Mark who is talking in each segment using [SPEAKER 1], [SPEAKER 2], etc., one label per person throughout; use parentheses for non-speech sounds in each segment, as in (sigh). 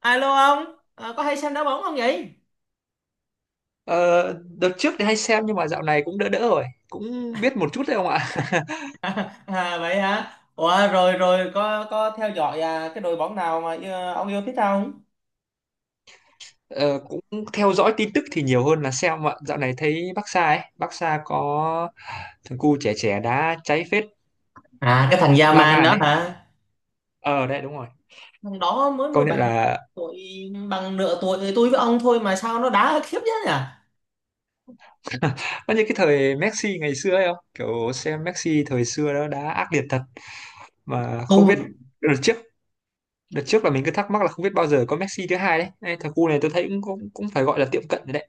[SPEAKER 1] Alo ông. Có hay xem đá bóng không vậy?
[SPEAKER 2] Ờ, đợt trước thì hay xem nhưng mà dạo này cũng đỡ đỡ rồi, cũng biết một chút thôi ông ạ.
[SPEAKER 1] (laughs) À, vậy hả? Ủa, rồi rồi có theo dõi à, cái đội bóng nào mà ông yêu thích không?
[SPEAKER 2] Ờ, cũng theo dõi tin tức thì nhiều hơn là xem ạ. Dạo này thấy Barca ấy, Barca có thằng cu trẻ trẻ đá cháy phết,
[SPEAKER 1] À, cái thằng
[SPEAKER 2] La
[SPEAKER 1] Yaman
[SPEAKER 2] Man
[SPEAKER 1] đó
[SPEAKER 2] ấy.
[SPEAKER 1] hả?
[SPEAKER 2] Ờ đấy, đúng rồi.
[SPEAKER 1] Thằng đó mới mười
[SPEAKER 2] Công nhận
[SPEAKER 1] bảy
[SPEAKER 2] là
[SPEAKER 1] tuổi, bằng nửa tuổi tôi với ông thôi mà sao nó đá khiếp thế nhỉ?
[SPEAKER 2] nó như cái thời Messi ngày xưa ấy không? Kiểu xem Messi thời xưa đó đá ác liệt thật mà không biết,
[SPEAKER 1] Tôi
[SPEAKER 2] đợt trước đợt trước là mình cứ thắc mắc là không biết bao giờ có Messi thứ hai đấy. Đây, thằng cu này tôi thấy cũng cũng, cũng phải gọi là tiệm cận rồi đấy.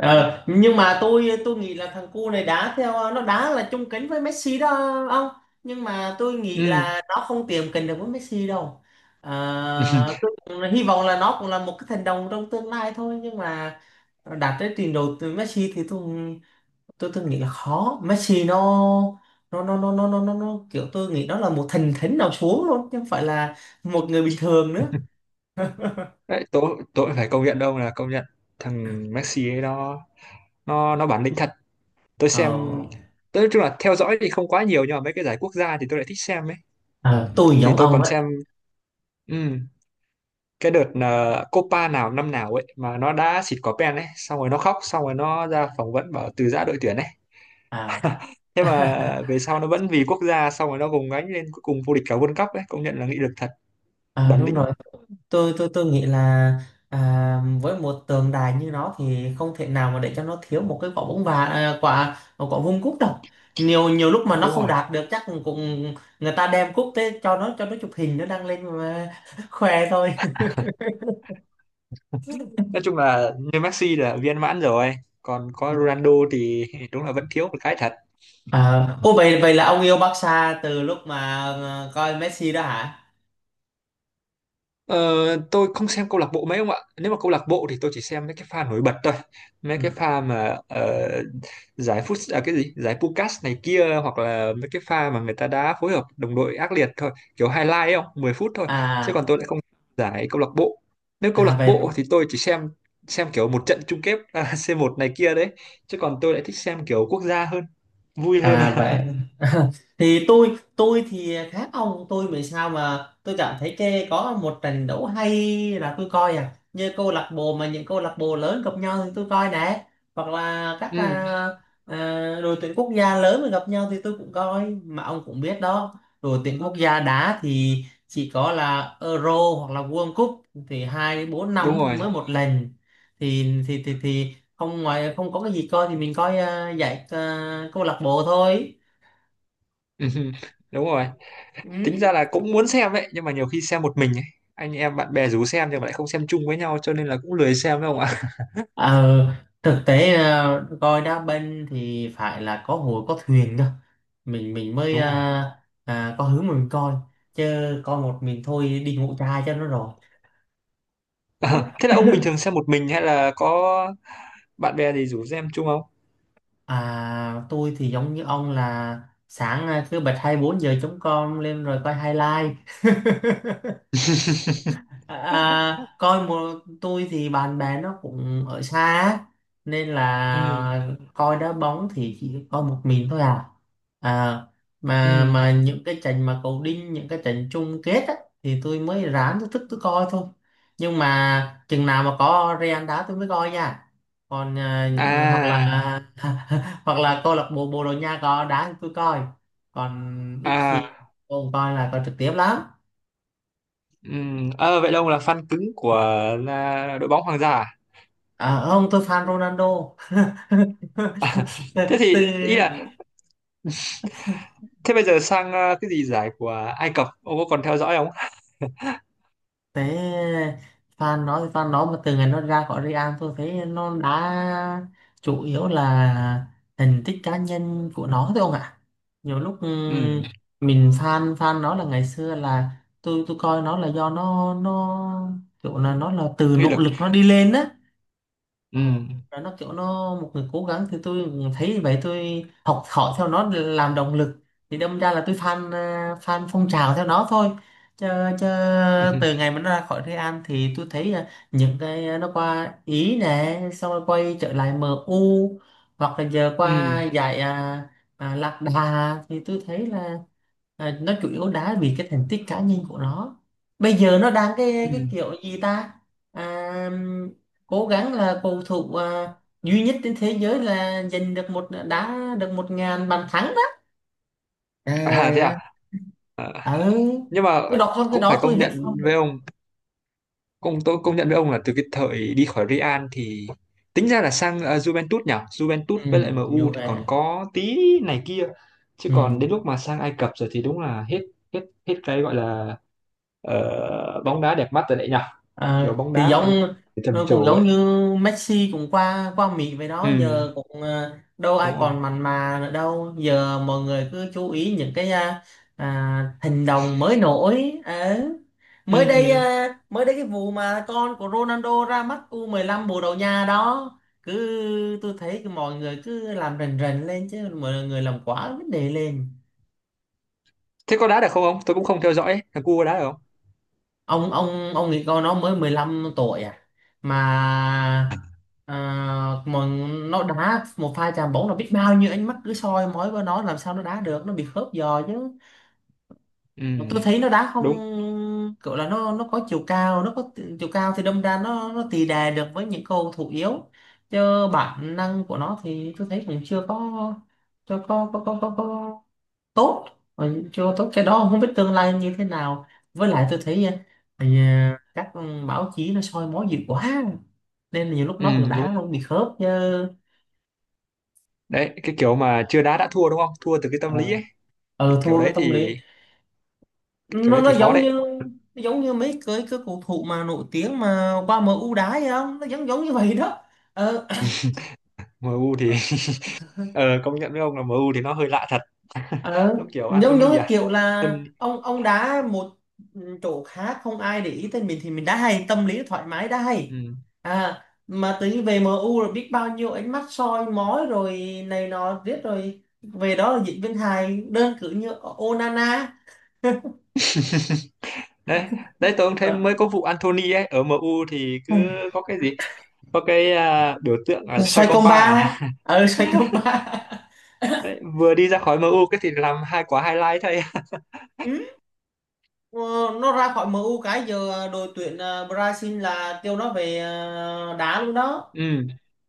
[SPEAKER 1] Ờ, nhưng mà tôi nghĩ là thằng cu này đá theo nó đá là chung kính với Messi đó ông, nhưng mà tôi nghĩ
[SPEAKER 2] Ừ.
[SPEAKER 1] là nó không tiệm cận được với Messi đâu.
[SPEAKER 2] (laughs)
[SPEAKER 1] Tôi cũng hy vọng là nó cũng là một cái thần đồng trong tương lai thôi, nhưng mà đạt tới trình độ từ Messi thì tôi nghĩ là khó. Messi nó kiểu tôi nghĩ đó là một thần thánh nào xuống luôn chứ không phải là một người bình thường nữa.
[SPEAKER 2] Đấy, tôi phải công nhận đâu là công nhận thằng Messi ấy nó, nó bản lĩnh thật. Tôi
[SPEAKER 1] ờ,
[SPEAKER 2] xem, tôi nói chung là theo dõi thì không quá nhiều nhưng mà mấy cái giải quốc gia thì tôi lại thích xem ấy,
[SPEAKER 1] ờ, tôi
[SPEAKER 2] thì
[SPEAKER 1] giống
[SPEAKER 2] tôi
[SPEAKER 1] ông
[SPEAKER 2] còn
[SPEAKER 1] á.
[SPEAKER 2] xem ừm, cái đợt là Copa nào năm nào ấy mà nó đã xịt quả pen ấy, xong rồi nó khóc, xong rồi nó ra phỏng vấn bảo từ giã đội tuyển ấy.
[SPEAKER 1] à,
[SPEAKER 2] (laughs) thế mà
[SPEAKER 1] (laughs)
[SPEAKER 2] về sau nó vẫn vì quốc gia, xong rồi nó gồng gánh lên cuối cùng vô địch cả World Cup ấy, công nhận là nghị lực thật,
[SPEAKER 1] À,
[SPEAKER 2] bản
[SPEAKER 1] đúng
[SPEAKER 2] lĩnh.
[SPEAKER 1] rồi. Tôi nghĩ là, à, với một tượng đài như nó thì không thể nào mà để cho nó thiếu một cái quả bóng, và quả quả vuông cúp đâu. Nhiều nhiều lúc mà nó
[SPEAKER 2] Đúng
[SPEAKER 1] không
[SPEAKER 2] rồi,
[SPEAKER 1] đạt được chắc cũng người ta đem cúp tới cho nó, cho nó chụp hình, nó đăng lên mà (laughs) khoe thôi.
[SPEAKER 2] nói chung là như Messi là viên mãn rồi, còn có Ronaldo thì đúng là vẫn thiếu một cái thật.
[SPEAKER 1] Ô, vậy vậy là ông yêu Barca từ lúc mà coi Messi đó hả?
[SPEAKER 2] ờ, tôi không xem câu lạc bộ mấy ông ạ, nếu mà câu lạc bộ thì tôi chỉ xem mấy cái pha nổi bật thôi, mấy
[SPEAKER 1] Ừ.
[SPEAKER 2] cái pha mà giải phút à, cái gì giải Pucas này kia, hoặc là mấy cái pha mà người ta đá phối hợp đồng đội ác liệt thôi, kiểu highlight ấy, không 10 phút thôi. Chứ còn
[SPEAKER 1] à
[SPEAKER 2] tôi lại không giải câu lạc bộ, nếu câu
[SPEAKER 1] à
[SPEAKER 2] lạc
[SPEAKER 1] vậy
[SPEAKER 2] bộ thì tôi chỉ xem kiểu một trận chung kết à, (laughs) C1 này kia đấy. Chứ còn tôi lại thích xem kiểu quốc gia hơn, vui hơn
[SPEAKER 1] à vậy
[SPEAKER 2] à.
[SPEAKER 1] Thì tôi thì khác ông. Tôi vì sao mà tôi cảm thấy cái có một trận đấu hay là tôi coi, à, như câu lạc bộ mà những câu lạc bộ lớn gặp nhau thì tôi coi nè, hoặc là các
[SPEAKER 2] Ừ,
[SPEAKER 1] à, đội tuyển quốc gia lớn mà gặp nhau thì tôi cũng coi, mà ông cũng biết đó, đội tuyển quốc gia đá thì chỉ có là Euro hoặc là World Cup thì 2 đến 4
[SPEAKER 2] đúng
[SPEAKER 1] năm
[SPEAKER 2] rồi.
[SPEAKER 1] mới một lần, thì không ngoài, không có cái gì coi thì mình coi, giải, câu lạc bộ thôi.
[SPEAKER 2] (laughs) đúng rồi,
[SPEAKER 1] Ừ.
[SPEAKER 2] tính ra là cũng muốn xem ấy nhưng mà nhiều khi xem một mình ấy, anh em bạn bè rủ xem nhưng mà lại không xem chung với nhau cho nên là cũng lười xem đâu ạ.
[SPEAKER 1] Ờ, Thực tế coi đá banh thì phải là có hội có thuyền cơ, mình
[SPEAKER 2] (laughs)
[SPEAKER 1] mới
[SPEAKER 2] đúng rồi.
[SPEAKER 1] có hướng mà mình coi, chứ coi một mình thôi đi ngủ chai cho nó rồi.
[SPEAKER 2] Ờ, thế là ông bình thường xem một mình hay là có bạn bè gì rủ xem chung không?
[SPEAKER 1] Tôi thì giống như ông là sáng cứ bật 24 giờ chống con lên rồi coi highlight. (laughs) À,
[SPEAKER 2] (laughs)
[SPEAKER 1] à, coi một Tôi thì bạn bè nó cũng ở xa á, nên
[SPEAKER 2] ừ.
[SPEAKER 1] là coi đá bóng thì chỉ coi một mình thôi à. à mà
[SPEAKER 2] Ừ.
[SPEAKER 1] mà những cái trận mà cầu đinh, những cái trận chung kết á, thì tôi mới ráng, tôi thức tôi coi thôi. Nhưng mà chừng nào mà có Real đá tôi mới coi nha, còn à, những hoặc là
[SPEAKER 2] À.
[SPEAKER 1] (laughs) hoặc là câu lạc bộ Bồ Đào Nha có đá thì tôi coi, còn ít
[SPEAKER 2] À.
[SPEAKER 1] khi tôi không coi là coi trực tiếp lắm.
[SPEAKER 2] Ừ. Ờ, vậy là ông là fan cứng của à, đội bóng hoàng gia à?
[SPEAKER 1] À ông, tôi fan Ronaldo. (laughs)
[SPEAKER 2] À, (laughs) thế thì
[SPEAKER 1] từ
[SPEAKER 2] ý là thế bây giờ sang à, cái gì giải của Ai Cập ông có còn theo dõi không?
[SPEAKER 1] thế Fan nó thì fan nó, mà từ ngày nó ra khỏi Real tôi thấy nó đã chủ yếu là thành tích cá nhân của nó thôi ông ạ. Nhiều lúc
[SPEAKER 2] Ừ,
[SPEAKER 1] mình fan fan nó là ngày xưa là tôi coi nó là do nó kiểu là nó là từ
[SPEAKER 2] nghị
[SPEAKER 1] nỗ
[SPEAKER 2] lực.
[SPEAKER 1] lực nó đi lên á. Ờ,
[SPEAKER 2] Ừ.
[SPEAKER 1] và nó kiểu nó một người cố gắng thì tôi thấy như vậy, tôi học hỏi theo nó để làm động lực, thì đâm ra là tôi fan, fan phong trào theo nó thôi, chứ, chứ từ
[SPEAKER 2] (laughs)
[SPEAKER 1] ngày mà nó ra khỏi Real An thì tôi thấy, nó qua Ý nè xong rồi quay trở lại MU, hoặc là giờ
[SPEAKER 2] ừ.
[SPEAKER 1] qua giải, Lạc Đà thì tôi thấy là, nó chủ yếu đá vì cái thành tích cá nhân của nó. Bây giờ nó đang cái
[SPEAKER 2] Ừ.
[SPEAKER 1] cái kiểu gì ta, à, cố gắng là cầu thủ, duy nhất trên thế giới là giành được một, đá được 1.000 bàn thắng đó. À,
[SPEAKER 2] À thế à?
[SPEAKER 1] yeah.
[SPEAKER 2] À?
[SPEAKER 1] Ừ.
[SPEAKER 2] Nhưng mà
[SPEAKER 1] Tôi đọc xong cái
[SPEAKER 2] cũng phải
[SPEAKER 1] đó tôi
[SPEAKER 2] công
[SPEAKER 1] hết
[SPEAKER 2] nhận
[SPEAKER 1] phong
[SPEAKER 2] với
[SPEAKER 1] rồi.
[SPEAKER 2] ông, công nhận với ông là từ cái thời đi khỏi Real thì tính ra là sang à, Juventus nhỉ? Juventus
[SPEAKER 1] Ừ,
[SPEAKER 2] với lại
[SPEAKER 1] như
[SPEAKER 2] MU thì còn
[SPEAKER 1] vậy.
[SPEAKER 2] có tí này kia. Chứ
[SPEAKER 1] Ừ.
[SPEAKER 2] còn đến lúc mà sang Ai Cập rồi thì đúng là hết, hết hết cái gọi là bóng đá đẹp mắt rồi đấy nhỉ? Kiểu
[SPEAKER 1] À,
[SPEAKER 2] bóng
[SPEAKER 1] thì
[SPEAKER 2] đá mà anh
[SPEAKER 1] giống,
[SPEAKER 2] em trầm
[SPEAKER 1] cũng
[SPEAKER 2] trồ
[SPEAKER 1] giống
[SPEAKER 2] ấy.
[SPEAKER 1] như Messi cũng qua qua Mỹ vậy đó,
[SPEAKER 2] Ừ,
[SPEAKER 1] giờ cũng đâu ai
[SPEAKER 2] đúng rồi.
[SPEAKER 1] còn mặn mà nữa đâu, giờ mọi người cứ chú ý những cái hành động mới nổi. Ờ. mới đây
[SPEAKER 2] Ừ.
[SPEAKER 1] à, mới đây cái vụ mà con của Ronaldo ra mắt U15 bồ Đào Nha đó, cứ tôi thấy cái mọi người cứ làm rần rần lên, chứ mọi người làm quá vấn đề lên.
[SPEAKER 2] Thế có đá được không ông? Tôi cũng không theo dõi. Thằng cu có đá được không?
[SPEAKER 1] Ông nghĩ con nó mới 15 tuổi à, mà à, mà nó đá một pha chạm bóng là biết bao nhiêu ánh mắt cứ soi mói vào nó, làm sao nó đá được, nó bị khớp giò chứ.
[SPEAKER 2] Ừ,
[SPEAKER 1] Mà tôi thấy nó đá không
[SPEAKER 2] đúng.
[SPEAKER 1] kiểu là, nó có chiều cao, nó có chiều cao thì đâm ra nó tì đè được với những cầu thủ yếu, chứ bản năng của nó thì tôi thấy cũng chưa có, chưa có tốt, rồi chưa tốt, cái đó không biết tương lai như thế nào. Với lại tôi thấy các báo chí nó soi mói dữ quá, nên là nhiều lúc
[SPEAKER 2] Ừ,
[SPEAKER 1] nó cũng
[SPEAKER 2] đúng.
[SPEAKER 1] đã luôn bị khớp chứ.
[SPEAKER 2] Đấy, cái kiểu mà chưa đá đã thua, đúng không, thua từ cái tâm lý
[SPEAKER 1] ờ
[SPEAKER 2] ấy, cái kiểu
[SPEAKER 1] Thua cái
[SPEAKER 2] đấy
[SPEAKER 1] tâm lý.
[SPEAKER 2] thì, cái kiểu
[SPEAKER 1] nó
[SPEAKER 2] đấy
[SPEAKER 1] nó
[SPEAKER 2] thì khó
[SPEAKER 1] giống
[SPEAKER 2] đấy.
[SPEAKER 1] như nó giống như mấy cái cầu thủ mà nổi tiếng mà qua em u đá vậy không, nó giống giống như vậy đó. Ờ.
[SPEAKER 2] MU thì (laughs) ờ, công nhận với ông là MU thì nó hơi lạ thật, (laughs)
[SPEAKER 1] Ờ,
[SPEAKER 2] giống kiểu
[SPEAKER 1] giống giống
[SPEAKER 2] Anthony
[SPEAKER 1] cái
[SPEAKER 2] à.
[SPEAKER 1] kiểu là
[SPEAKER 2] Anthony.
[SPEAKER 1] ông đá một chỗ khác, không ai để ý tới mình, thì mình đá hay, tâm lý thoải mái đá hay.
[SPEAKER 2] Ừ.
[SPEAKER 1] À mà tới về MU rồi biết bao nhiêu ánh mắt soi mói rồi này nọ, riết rồi về đó là diễn viên hài, đơn cử như Onana.
[SPEAKER 2] Đấy, đấy tôi cũng thấy
[SPEAKER 1] Ờ.
[SPEAKER 2] mới có vụ Anthony ấy ở MU thì cứ có cái gì, có cái à, biểu tượng là xoay
[SPEAKER 1] Xoay công
[SPEAKER 2] compa
[SPEAKER 1] ba.
[SPEAKER 2] à.
[SPEAKER 1] (laughs) Xoay công
[SPEAKER 2] (laughs)
[SPEAKER 1] ba.
[SPEAKER 2] đấy, vừa đi ra khỏi MU cái thì làm hai quả highlight thôi.
[SPEAKER 1] Ừ. ờ, nó ra khỏi MU cái giờ đội tuyển, Brazil là kêu nó về, đá luôn
[SPEAKER 2] (laughs)
[SPEAKER 1] đó
[SPEAKER 2] ừ,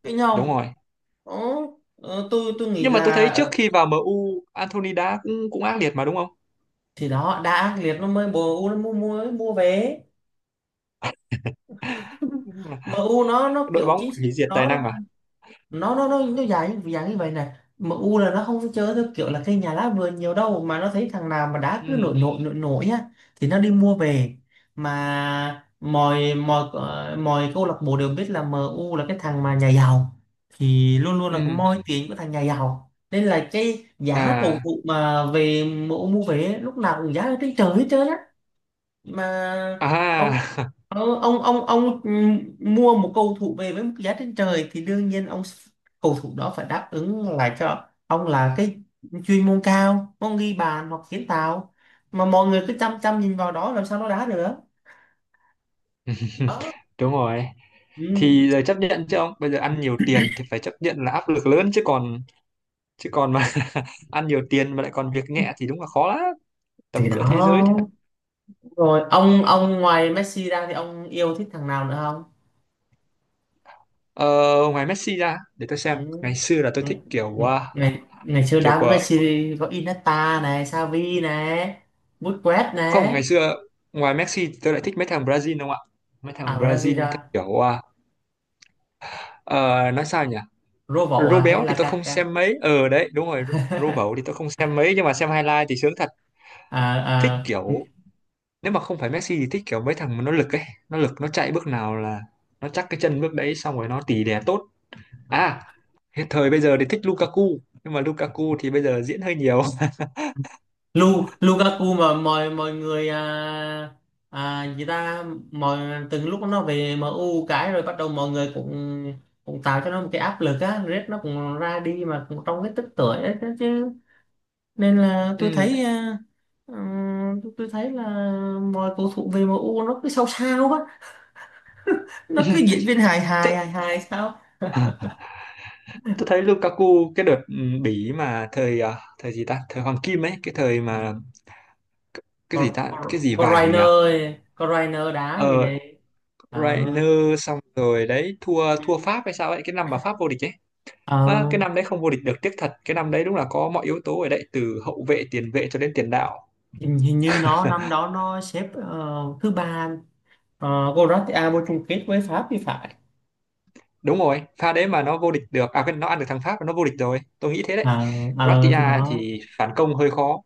[SPEAKER 1] cái
[SPEAKER 2] đúng
[SPEAKER 1] nhau.
[SPEAKER 2] rồi.
[SPEAKER 1] Ồ, tôi nghĩ
[SPEAKER 2] Nhưng mà tôi thấy
[SPEAKER 1] là,
[SPEAKER 2] trước khi vào MU Anthony đá cũng, cũng ác liệt mà, đúng không?
[SPEAKER 1] thì đó đã ác liệt nó mới MU nó mua mua mới mua về
[SPEAKER 2] Đúng là
[SPEAKER 1] MU. (laughs) Nó
[SPEAKER 2] đội
[SPEAKER 1] kiểu
[SPEAKER 2] bóng
[SPEAKER 1] chính sách
[SPEAKER 2] hủy diệt tài
[SPEAKER 1] nó,
[SPEAKER 2] năng à.
[SPEAKER 1] nó dài như dạng như vậy này. MU là nó không có chơi theo kiểu là cây nhà lá vườn nhiều đâu, mà nó thấy thằng nào mà đá cứ
[SPEAKER 2] Ừ.
[SPEAKER 1] nổi nổi nổi nổi á thì nó đi mua về. Mà mọi mọi ờ, mọi câu lạc bộ đều biết là MU là cái thằng mà nhà giàu, thì luôn luôn là cái
[SPEAKER 2] Ừ.
[SPEAKER 1] moi tiền của thằng nhà giàu, nên là cái giá cầu
[SPEAKER 2] À.
[SPEAKER 1] thủ mà về MU mua về ấy, lúc nào cũng giá ở trên trời hết trơn á. Mà ông,
[SPEAKER 2] À.
[SPEAKER 1] ông mua một cầu thủ về với một giá trên trời thì đương nhiên ông, cầu thủ đó phải đáp ứng lại cho ông là cái chuyên môn cao, ông ghi bàn hoặc kiến tạo, mà mọi người cứ chăm chăm nhìn vào đó làm sao nó đá được.
[SPEAKER 2] (laughs)
[SPEAKER 1] Đó.
[SPEAKER 2] đúng rồi,
[SPEAKER 1] Ừ.
[SPEAKER 2] thì giờ chấp nhận chứ ông, bây giờ ăn nhiều tiền thì phải chấp nhận là áp lực lớn chứ còn, chứ còn mà (laughs) ăn nhiều tiền mà lại còn việc nhẹ thì đúng là khó lắm,
[SPEAKER 1] Thì
[SPEAKER 2] tầm cỡ thế giới thì phải.
[SPEAKER 1] đó. Rồi ông ngoài Messi ra thì ông yêu thích thằng nào nữa không?
[SPEAKER 2] Ờ, ngoài Messi ra để tôi
[SPEAKER 1] Ừ.
[SPEAKER 2] xem, ngày xưa là tôi
[SPEAKER 1] Ừ.
[SPEAKER 2] thích
[SPEAKER 1] Ừ.
[SPEAKER 2] kiểu à,
[SPEAKER 1] ngày ngày xưa
[SPEAKER 2] kiểu
[SPEAKER 1] đá với
[SPEAKER 2] của,
[SPEAKER 1] Messi có Iniesta này, Xavi này, Busquets
[SPEAKER 2] không
[SPEAKER 1] này.
[SPEAKER 2] ngày xưa, ngoài Messi thì tôi lại thích mấy thằng Brazil không ạ, mấy
[SPEAKER 1] À,
[SPEAKER 2] thằng Brazil theo
[SPEAKER 1] Brasilia.
[SPEAKER 2] kiểu à, ờ, nói sao nhỉ.
[SPEAKER 1] Robo à
[SPEAKER 2] Rô
[SPEAKER 1] hay
[SPEAKER 2] béo
[SPEAKER 1] là
[SPEAKER 2] thì tôi không
[SPEAKER 1] Kaká?
[SPEAKER 2] xem mấy, ờ đấy đúng rồi, Rô
[SPEAKER 1] (laughs)
[SPEAKER 2] bẩu thì tôi không xem mấy nhưng mà xem highlight thì sướng thật.
[SPEAKER 1] à,
[SPEAKER 2] Thích
[SPEAKER 1] à
[SPEAKER 2] kiểu, nếu mà không phải Messi thì thích kiểu mấy thằng mà nó lực ấy, nó lực nó chạy bước nào là nó chắc cái chân bước đấy, xong rồi nó tỉ đè tốt. À, hiện thời bây giờ thì thích Lukaku, nhưng mà Lukaku thì bây giờ diễn hơi nhiều. (laughs)
[SPEAKER 1] Lu Lukaku. Mà mọi mọi người, à, à gì ta mọi lúc nó về em u cái rồi bắt đầu mọi người cũng cũng tạo cho nó một cái áp lực á, Red nó cũng ra đi mà cũng trong cái tức tuổi ấy chứ chứ. Nên là tôi
[SPEAKER 2] ừ.
[SPEAKER 1] thấy, tôi thấy là mọi cầu thủ về em u nó cứ sao sao á, nó cứ diễn viên hài
[SPEAKER 2] (laughs) tôi,
[SPEAKER 1] hài hài hài sao.
[SPEAKER 2] tôi thấy Lukaku cái đợt ừ, Bỉ mà thời à, thời gì ta, thời Hoàng Kim ấy, cái thời mà cái gì ta, cái gì
[SPEAKER 1] Có
[SPEAKER 2] vàng
[SPEAKER 1] rainer,
[SPEAKER 2] nhỉ.
[SPEAKER 1] có rainer đá gì
[SPEAKER 2] Ờ,
[SPEAKER 1] nè. ờ
[SPEAKER 2] Reiner, xong rồi đấy thua, thua Pháp hay sao ấy, cái năm mà Pháp vô địch ấy.
[SPEAKER 1] ờ
[SPEAKER 2] À, cái năm đấy không vô địch được tiếc thật, cái năm đấy đúng là có mọi yếu tố ở đấy từ hậu vệ, tiền vệ cho đến tiền đạo.
[SPEAKER 1] Hình như nó năm đó nó xếp thứ ba. Croatia vô chung kết với Pháp thì phải.
[SPEAKER 2] Đúng rồi, pha đấy mà nó vô địch được à, cái nó ăn được thằng Pháp nó vô địch rồi, tôi nghĩ thế đấy.
[SPEAKER 1] ờ
[SPEAKER 2] Croatia
[SPEAKER 1] thì đó,
[SPEAKER 2] thì phản công hơi khó.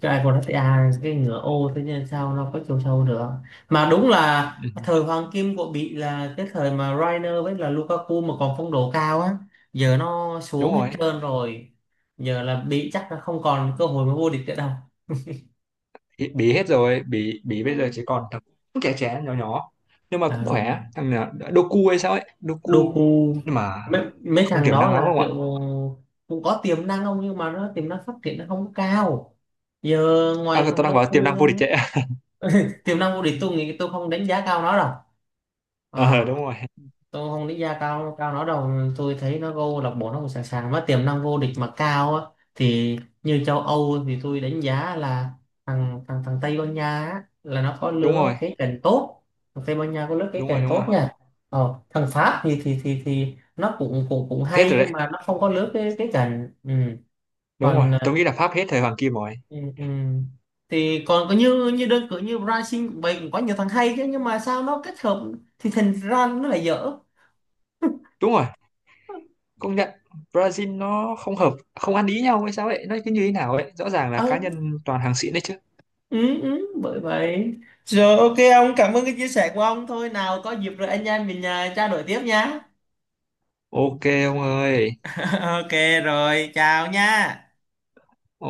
[SPEAKER 1] cái Croatia, cái ngựa ô, thế nên sao nó có chiều sâu được. Mà đúng là
[SPEAKER 2] (laughs) ừ,
[SPEAKER 1] thời hoàng kim của Bỉ là cái thời mà rainer với là Lukaku mà còn phong độ cao á, giờ nó xuống
[SPEAKER 2] đúng
[SPEAKER 1] hết
[SPEAKER 2] rồi.
[SPEAKER 1] trơn rồi. Giờ là Bỉ chắc là không còn cơ hội mà vô địch nữa đâu.
[SPEAKER 2] Bỉ Bỉ hết rồi, Bỉ Bỉ bây giờ
[SPEAKER 1] Ừ.
[SPEAKER 2] chỉ còn thằng cũng trẻ trẻ nhỏ nhỏ nhưng mà
[SPEAKER 1] Ờ,
[SPEAKER 2] cũng khỏe, thằng nào- Doku hay sao ấy, Doku.
[SPEAKER 1] Doku.
[SPEAKER 2] Nhưng mà
[SPEAKER 1] Mấy
[SPEAKER 2] không
[SPEAKER 1] thằng
[SPEAKER 2] tiềm
[SPEAKER 1] đó
[SPEAKER 2] năng lắm
[SPEAKER 1] là
[SPEAKER 2] đúng
[SPEAKER 1] kiểu
[SPEAKER 2] không
[SPEAKER 1] cũng có tiềm năng không, nhưng mà nó tiềm năng phát triển nó không có cao. Giờ
[SPEAKER 2] ạ? À
[SPEAKER 1] ngoài
[SPEAKER 2] tôi
[SPEAKER 1] thằng
[SPEAKER 2] đang bảo tiềm
[SPEAKER 1] Doku
[SPEAKER 2] năng
[SPEAKER 1] ra,
[SPEAKER 2] vô địch đấy. (laughs)
[SPEAKER 1] tiềm năng của địch tôi nghĩ tôi không đánh giá cao nó đâu.
[SPEAKER 2] ờ,
[SPEAKER 1] Ờ,
[SPEAKER 2] đúng rồi.
[SPEAKER 1] tôi không nghĩ ra cao cao nó đâu. Tôi thấy nó vô lạc bộ nó cũng sẵn sàng, nó tiềm năng vô địch mà cao á. Thì như châu Âu thì tôi đánh giá là thằng thằng thằng Tây Ban Nha á, là nó có
[SPEAKER 2] Đúng
[SPEAKER 1] lứa
[SPEAKER 2] rồi.
[SPEAKER 1] cái cành tốt. Thằng Tây Ban Nha có lứa cái
[SPEAKER 2] đúng rồi
[SPEAKER 1] cành
[SPEAKER 2] đúng rồi
[SPEAKER 1] tốt nha. Thằng Pháp thì nó cũng cũng cũng
[SPEAKER 2] hết
[SPEAKER 1] hay,
[SPEAKER 2] rồi đấy,
[SPEAKER 1] nhưng mà nó không có lứa cái cành. Ừ.
[SPEAKER 2] đúng rồi,
[SPEAKER 1] Còn
[SPEAKER 2] tôi nghĩ là Pháp hết thời Hoàng Kim rồi.
[SPEAKER 1] ừ, ừ. thì còn có như như đơn cử như Brazil cũng vậy, cũng có nhiều thằng hay chứ, nhưng mà sao nó kết hợp thì thành ra nó lại dở.
[SPEAKER 2] Đúng rồi, công nhận. Brazil nó không hợp, không ăn ý nhau hay sao ấy, nó cứ như thế nào ấy, rõ ràng là cá nhân toàn hàng xịn đấy chứ.
[SPEAKER 1] Ừ, Bởi vậy. Rồi ok ông, cảm ơn cái chia sẻ của ông, thôi nào có dịp rồi anh em mình trao đổi tiếp nhá.
[SPEAKER 2] OK ông ơi.
[SPEAKER 1] (laughs) Ok. Rồi chào nha.